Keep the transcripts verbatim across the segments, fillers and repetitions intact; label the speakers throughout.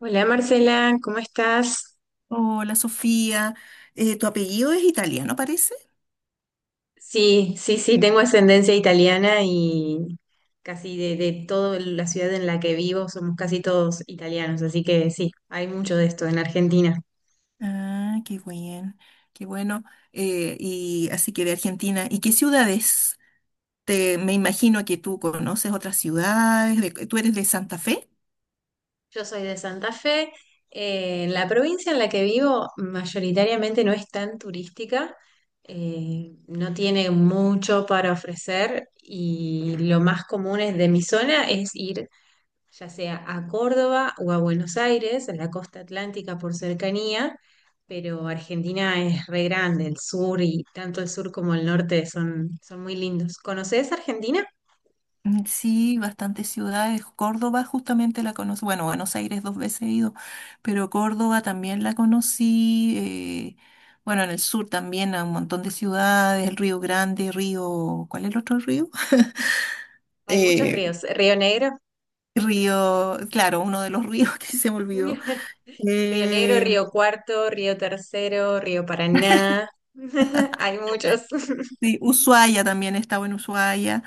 Speaker 1: Hola Marcela, ¿cómo estás?
Speaker 2: Hola Sofía. Eh, tu apellido es italiano, parece.
Speaker 1: Sí, sí, sí, tengo ascendencia italiana y casi de, de toda la ciudad en la que vivo somos casi todos italianos, así que sí, hay mucho de esto en Argentina.
Speaker 2: Ah, qué bien, qué bueno. Eh, y así que de Argentina. ¿Y qué ciudades? Te, me imagino que tú conoces otras ciudades. De- ¿tú eres de Santa Fe?
Speaker 1: Yo soy de Santa Fe. Eh, en la provincia en la que vivo mayoritariamente no es tan turística. Eh, no tiene mucho para ofrecer y lo más común es de mi zona es ir ya sea a Córdoba o a Buenos Aires, en la costa atlántica por cercanía, pero Argentina es re grande, el sur y tanto el sur como el norte son, son muy lindos. ¿Conoces Argentina?
Speaker 2: Mm, Sí, bastantes ciudades. Córdoba justamente la conocí. Bueno, Buenos Aires dos veces he ido, pero Córdoba también la conocí. Eh, bueno, en el sur también a un montón de ciudades, el Río Grande, Río... ¿Cuál es el otro río?
Speaker 1: Hay muchos
Speaker 2: Eh,
Speaker 1: ríos, Río Negro.
Speaker 2: Río, claro, uno de los ríos que se me olvidó.
Speaker 1: Río Negro,
Speaker 2: Eh,
Speaker 1: Río Cuarto, Río Tercero, Río Paraná, hay muchos.
Speaker 2: sí, Ushuaia, también estaba en Ushuaia.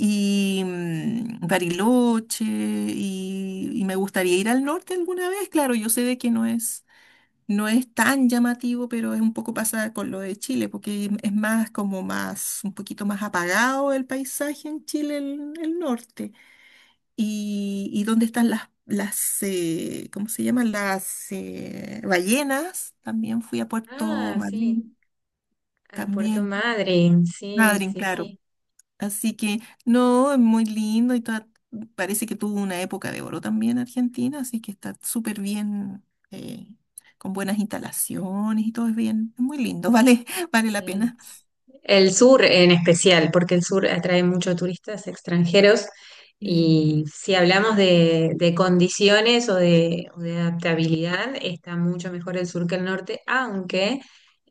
Speaker 2: Y mm, Bariloche, y, y me gustaría ir al norte alguna vez. Claro, yo sé de que no es no es tan llamativo, pero es un poco pasada con lo de Chile, porque es más como más, un poquito más apagado el paisaje en Chile, el, el norte. Y, y dónde están las, las eh, ¿cómo se llaman? Las eh, ballenas. También fui a Puerto
Speaker 1: Ah, sí,
Speaker 2: Madryn,
Speaker 1: a Puerto
Speaker 2: también.
Speaker 1: Madryn, sí,
Speaker 2: Madryn,
Speaker 1: sí,
Speaker 2: claro.
Speaker 1: sí.
Speaker 2: Así que, no, es muy lindo y toda- parece que tuvo una época de oro también Argentina, así que está súper bien, eh, con buenas instalaciones y todo es bien, es muy lindo, vale, vale la
Speaker 1: Sí.
Speaker 2: pena.
Speaker 1: El sur en especial, porque el sur atrae muchos turistas extranjeros
Speaker 2: Mm,
Speaker 1: y si hablamos de, de condiciones o de, o de adaptabilidad, está mucho mejor el sur que el norte, aunque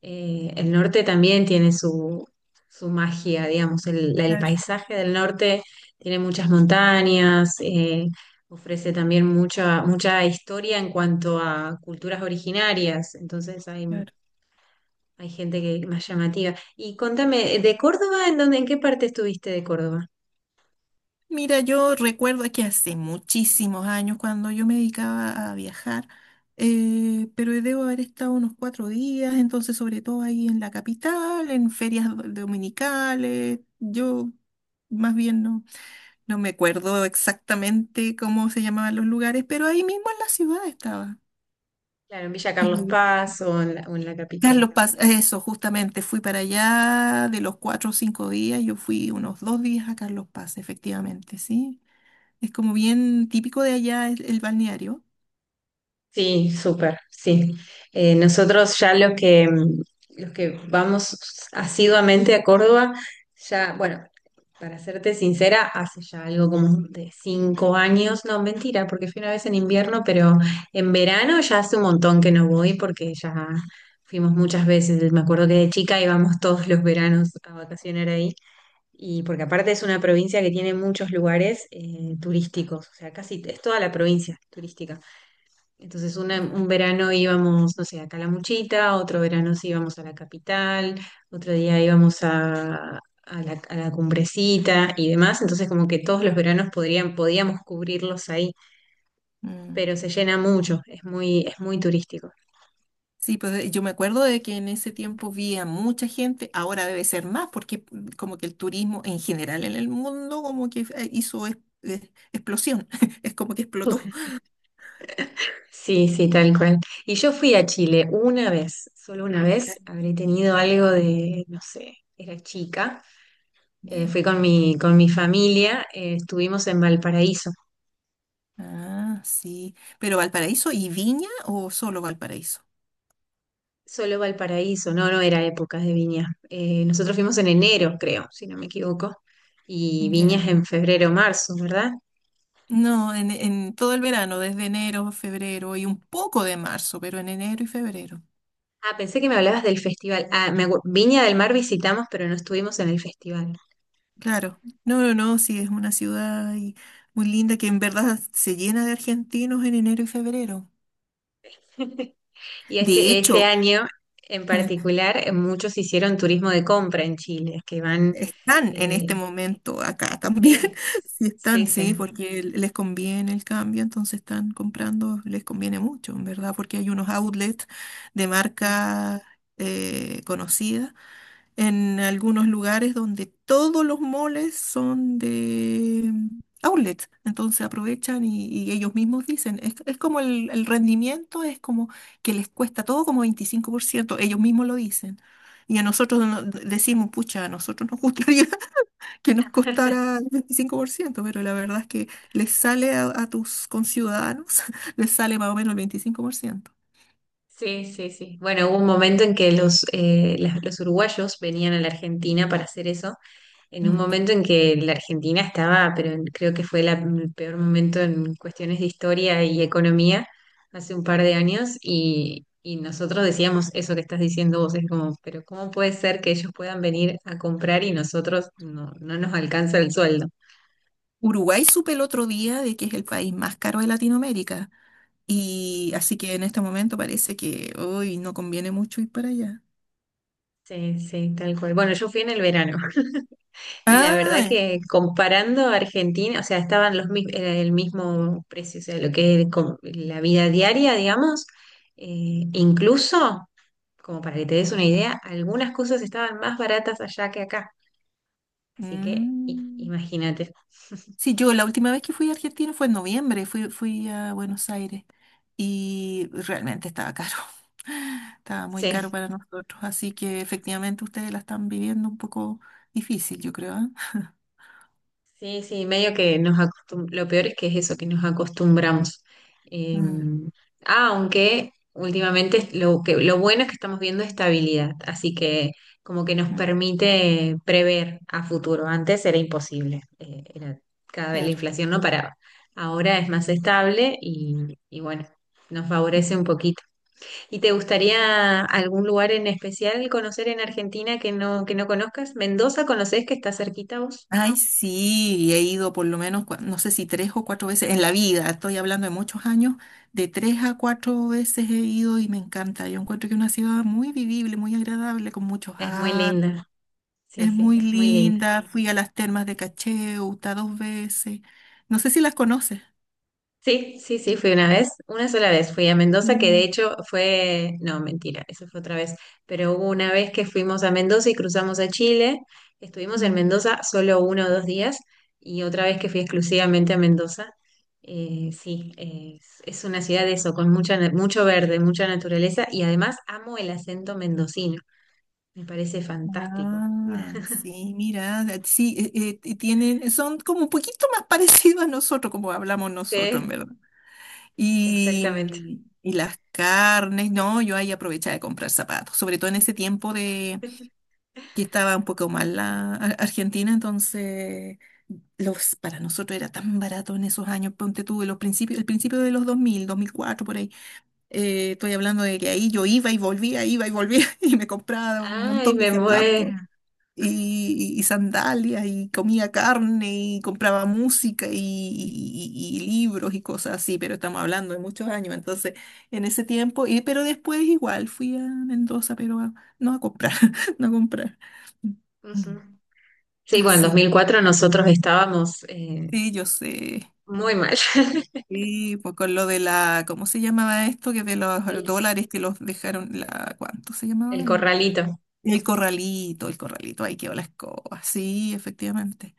Speaker 1: eh, el norte también tiene su, su magia, digamos, el, el
Speaker 2: claro,
Speaker 1: paisaje del norte tiene muchas montañas. Eh, ofrece también mucha, mucha historia en cuanto a culturas originarias, entonces hay
Speaker 2: claro.
Speaker 1: hay gente que es más llamativa. Y contame, eh, ¿de Córdoba en dónde, en qué parte estuviste de Córdoba?
Speaker 2: Mira, yo recuerdo que hace muchísimos años cuando yo me dedicaba a viajar, eh, pero debo haber estado unos cuatro días, entonces sobre todo ahí en la capital, en ferias do- dominicales, yo más bien no. No me acuerdo exactamente cómo se llamaban los lugares, pero ahí mismo en la ciudad estaba.
Speaker 1: Claro, en Villa
Speaker 2: Y
Speaker 1: Carlos
Speaker 2: me gust-
Speaker 1: Paz o en la, o en la capital.
Speaker 2: Carlos Paz, eso, justamente, fui para allá de los cuatro o cinco días, yo fui unos dos días a Carlos Paz, efectivamente, ¿sí? Es como bien típico de allá el, el balneario.
Speaker 1: Sí, súper, sí. Eh, nosotros ya los que, mm, los que vamos asiduamente a Córdoba, ya, bueno, para serte sincera, hace ya algo como de cinco años, no, mentira, porque fui una vez en invierno, pero en verano ya hace un montón que no voy porque ya fuimos muchas veces. Me acuerdo que de chica íbamos todos los veranos a vacacionar ahí. Y porque aparte es una provincia que tiene muchos lugares eh, turísticos, o sea, casi es toda la provincia turística. Entonces una-
Speaker 2: Mm,
Speaker 1: un verano íbamos, no sé, a Calamuchita, otro verano sí íbamos a la capital, otro día íbamos a, a la, a la cumbrecita y demás. Entonces como que todos los veranos podrían, podíamos cubrirlos ahí,
Speaker 2: mm.
Speaker 1: pero se llena mucho, es muy, es muy turístico.
Speaker 2: Sí, pues eh, yo me acuerdo de que en ese tiempo vi a mucha gente, ahora debe ser más, porque mm, como que el turismo en general en el mundo como que eh, hizo es- eh, explosión, es como que
Speaker 1: Ok.
Speaker 2: explotó.
Speaker 1: Sí, sí, tal cual. Y yo fui a Chile una vez, solo una vez, habré tenido algo de, no sé, era chica. Eh,
Speaker 2: ¿Ya?
Speaker 1: fui con mi, con mi familia. Eh, estuvimos en Valparaíso.
Speaker 2: Ah, sí. ¿Pero Valparaíso y Viña o solo Valparaíso?
Speaker 1: Solo Valparaíso, no, no era época de viñas. Eh, nosotros fuimos en enero, creo, si no me equivoco, y viñas
Speaker 2: Ya.
Speaker 1: en febrero, marzo, ¿verdad?
Speaker 2: No, en, en todo el verano, desde enero, febrero y un poco de marzo, pero en enero y febrero.
Speaker 1: Ah, pensé que me hablabas del festival. Ah, me acu- Viña del Mar visitamos, pero no estuvimos en el festival.
Speaker 2: Claro. No, no, no, sí, es una ciudad y- muy linda que en verdad se llena de argentinos en enero y febrero.
Speaker 1: Y
Speaker 2: De
Speaker 1: este, este
Speaker 2: hecho,
Speaker 1: año en particular, eh, muchos hicieron turismo de compra en Chile, que van…
Speaker 2: están en
Speaker 1: eh,
Speaker 2: este momento acá también.
Speaker 1: sí,
Speaker 2: Sí
Speaker 1: sí,
Speaker 2: están, sí,
Speaker 1: sí.
Speaker 2: porque les conviene el cambio, entonces están comprando, les conviene mucho, en verdad, porque hay unos outlets de marcas eh, conocidas en algunos lugares donde todos los moles son de mm, outlets. Entonces aprovechan y, y ellos mismos dicen, es, es como el, el rendimiento, es como que les cuesta todo como veinticinco por ciento, ellos mismos lo dicen. Y a
Speaker 1: Ujú.
Speaker 2: nosotros no- decimos, pucha, a nosotros nos gustaría que nos costara el veinticinco por ciento, pero la verdad es que les sale a, a tus conciudadanos, les sale más o menos el veinticinco por ciento.
Speaker 1: Sí, sí, sí. Bueno, hubo un momento en que los, eh, las- los uruguayos venían a la Argentina para hacer eso, en un
Speaker 2: Mm.
Speaker 1: momento en que la Argentina estaba, pero en- creo que fue la- el peor momento en cuestiones de historia y economía hace un par de años y, y nosotros decíamos eso que estás diciendo vos, es como, pero ¿cómo puede ser que ellos puedan venir a comprar y nosotros no, no nos alcanza el sueldo?
Speaker 2: Uruguay supe el otro día de que es el país más caro de Latinoamérica. Y
Speaker 1: Ujú.
Speaker 2: así que en este momento parece que hoy no conviene mucho ir para allá.
Speaker 1: Sí, sí, tal cual. Bueno, yo fui en el verano. Y la verdad
Speaker 2: Ah,
Speaker 1: que comparando a Argentina, o sea, estaban los, mi- era el mismo precio, o sea, lo que es com- la vida diaria, digamos, eh, incluso, como para que te des una idea, algunas cosas estaban más baratas allá que acá. Así que i-
Speaker 2: mm.
Speaker 1: imagínate.
Speaker 2: Sí, yo la última vez que fui a Argentina fue en noviembre, fui, fui a Buenos Aires y realmente estaba caro, estaba muy caro
Speaker 1: Sí.
Speaker 2: para nosotros, así que efectivamente ustedes la están viviendo un poco difícil, yo creo, ¿ah?
Speaker 1: Sí, sí, medio que nos acostumbramos, lo peor es que es eso, que nos acostumbramos. Eh,
Speaker 2: Mm,
Speaker 1: ah, Aunque últimamente lo que, lo bueno es que estamos viendo estabilidad, así que como que nos
Speaker 2: mm,
Speaker 1: permite prever a futuro. Antes era imposible. Eh, era cada vez la
Speaker 2: claro.
Speaker 1: inflación no paraba. Ahora es
Speaker 2: Mm,
Speaker 1: más estable y, y bueno, nos
Speaker 2: mm.
Speaker 1: favorece un poquito. ¿Y te gustaría algún lugar en especial conocer en Argentina que no, que no conozcas? ¿Mendoza conoces que está cerquita vos?
Speaker 2: Ay, sí, he ido por lo menos, cua- no sé si tres o cuatro veces en la vida, estoy hablando de muchos años, de tres a cuatro veces he ido y me encanta. Yo encuentro que es una ciudad muy vivible, muy agradable, con muchos
Speaker 1: Es muy
Speaker 2: árboles,
Speaker 1: linda. Sí,
Speaker 2: es
Speaker 1: sí,
Speaker 2: muy
Speaker 1: es muy linda.
Speaker 2: linda. Fui a las termas de Cacheuta dos veces, no sé si las conoces.
Speaker 1: Sí, sí, sí, fui una vez, una sola vez fui a Mendoza, que de
Speaker 2: Sí.
Speaker 1: hecho fue, no, mentira, eso fue otra vez, pero hubo una vez que fuimos a Mendoza y cruzamos a Chile, estuvimos en
Speaker 2: Mm.
Speaker 1: Mendoza solo uno o dos días y otra vez que fui exclusivamente a Mendoza. Eh, sí, es, es una ciudad de eso, con mucha, na- mucho verde, mucha naturaleza y además amo el acento mendocino, me parece fantástico.
Speaker 2: Ah, sí, mira, eh, sí, eh, eh, y tienen, son como un poquito más parecidos a nosotros, como hablamos nosotros, en
Speaker 1: Sí,
Speaker 2: verdad. Y,
Speaker 1: exactamente.
Speaker 2: mm, y las carnes, no, yo ahí aprovechaba de comprar zapatos, sobre todo en ese tiempo de que estaba un poco mal la Ar- Argentina, entonces los, para nosotros era tan barato en esos años, ponte tú, en los principios, el principio de los dos dos mil, dos mil cuatro por ahí, eh, estoy hablando de que ahí yo iba y volvía, iba y volvía y me compraba un
Speaker 1: Ay,
Speaker 2: montón de
Speaker 1: me muero.
Speaker 2: zapatos y, y sandalias y comía carne y compraba música y, y- y- y libros y cosas así, pero estamos hablando de muchos años, entonces en ese tiempo, y, pero después igual fui a Mendoza, pero a- no a comprar, no a comprar.
Speaker 1: Ujú.
Speaker 2: Mm.
Speaker 1: Sí, bueno, en
Speaker 2: Así
Speaker 1: dos mil cuatro nosotros estábamos eh,
Speaker 2: sí yo sé.
Speaker 1: muy mal.
Speaker 2: Sí, pues con lo de la, ¿cómo se llamaba esto? Que de los
Speaker 1: El,
Speaker 2: dólares que los dejaron, la, ¿cuánto se llamaba?
Speaker 1: el
Speaker 2: El,
Speaker 1: corralito.
Speaker 2: el corralito, el corralito, ahí quedó la escoba. Sí, efectivamente.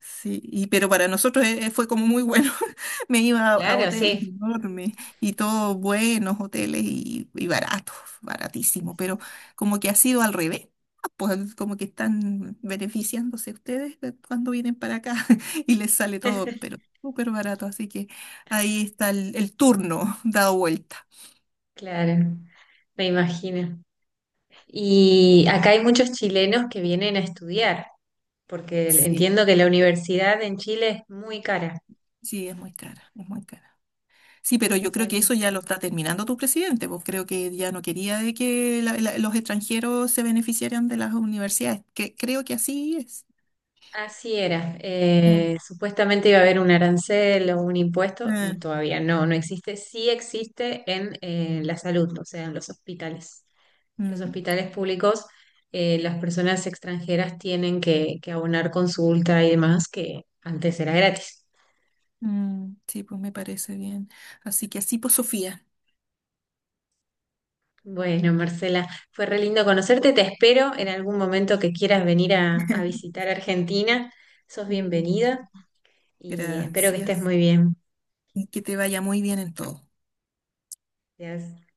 Speaker 2: Sí, y, pero para nosotros eh, fue como muy bueno. Me iba a, a
Speaker 1: Claro,
Speaker 2: hoteles
Speaker 1: sí.
Speaker 2: enormes y todos buenos hoteles y, y baratos, baratísimo, pero como que ha sido al revés. Pues como que están beneficiándose ustedes de cuando vienen para acá y les sale todo, pero súper barato. Así que ahí está el, el turno dado vuelta.
Speaker 1: Claro, me imagino. Y acá hay muchos chilenos que vienen a estudiar, porque
Speaker 2: Sí,
Speaker 1: entiendo que la universidad en Chile es muy cara.
Speaker 2: sí, es muy cara, es muy cara. Sí, pero yo
Speaker 1: Entonces
Speaker 2: creo
Speaker 1: hay…
Speaker 2: que eso ya lo está terminando tu presidente, pues creo que ya no quería de que la- la- los extranjeros se beneficiaran de las universidades, que creo que así es.
Speaker 1: Así era.
Speaker 2: Mm,
Speaker 1: Eh, supuestamente iba a haber un arancel o un impuesto.
Speaker 2: mm,
Speaker 1: Todavía no, no existe. Sí existe en eh, la salud, o sea, en los hospitales. Los
Speaker 2: mm,
Speaker 1: hospitales públicos, eh, las personas extranjeras tienen que, que abonar consulta y demás, que antes era gratis.
Speaker 2: mm, sí, pues me parece bien. Así que así, pues Sofía.
Speaker 1: Bueno, Marcela, fue re lindo conocerte. Te espero en algún momento que quieras venir a, a visitar Argentina. Sos
Speaker 2: Mm, sí,
Speaker 1: bienvenida y espero que estés
Speaker 2: gracias
Speaker 1: muy bien.
Speaker 2: y que te vaya muy bien en todo.
Speaker 1: Gracias.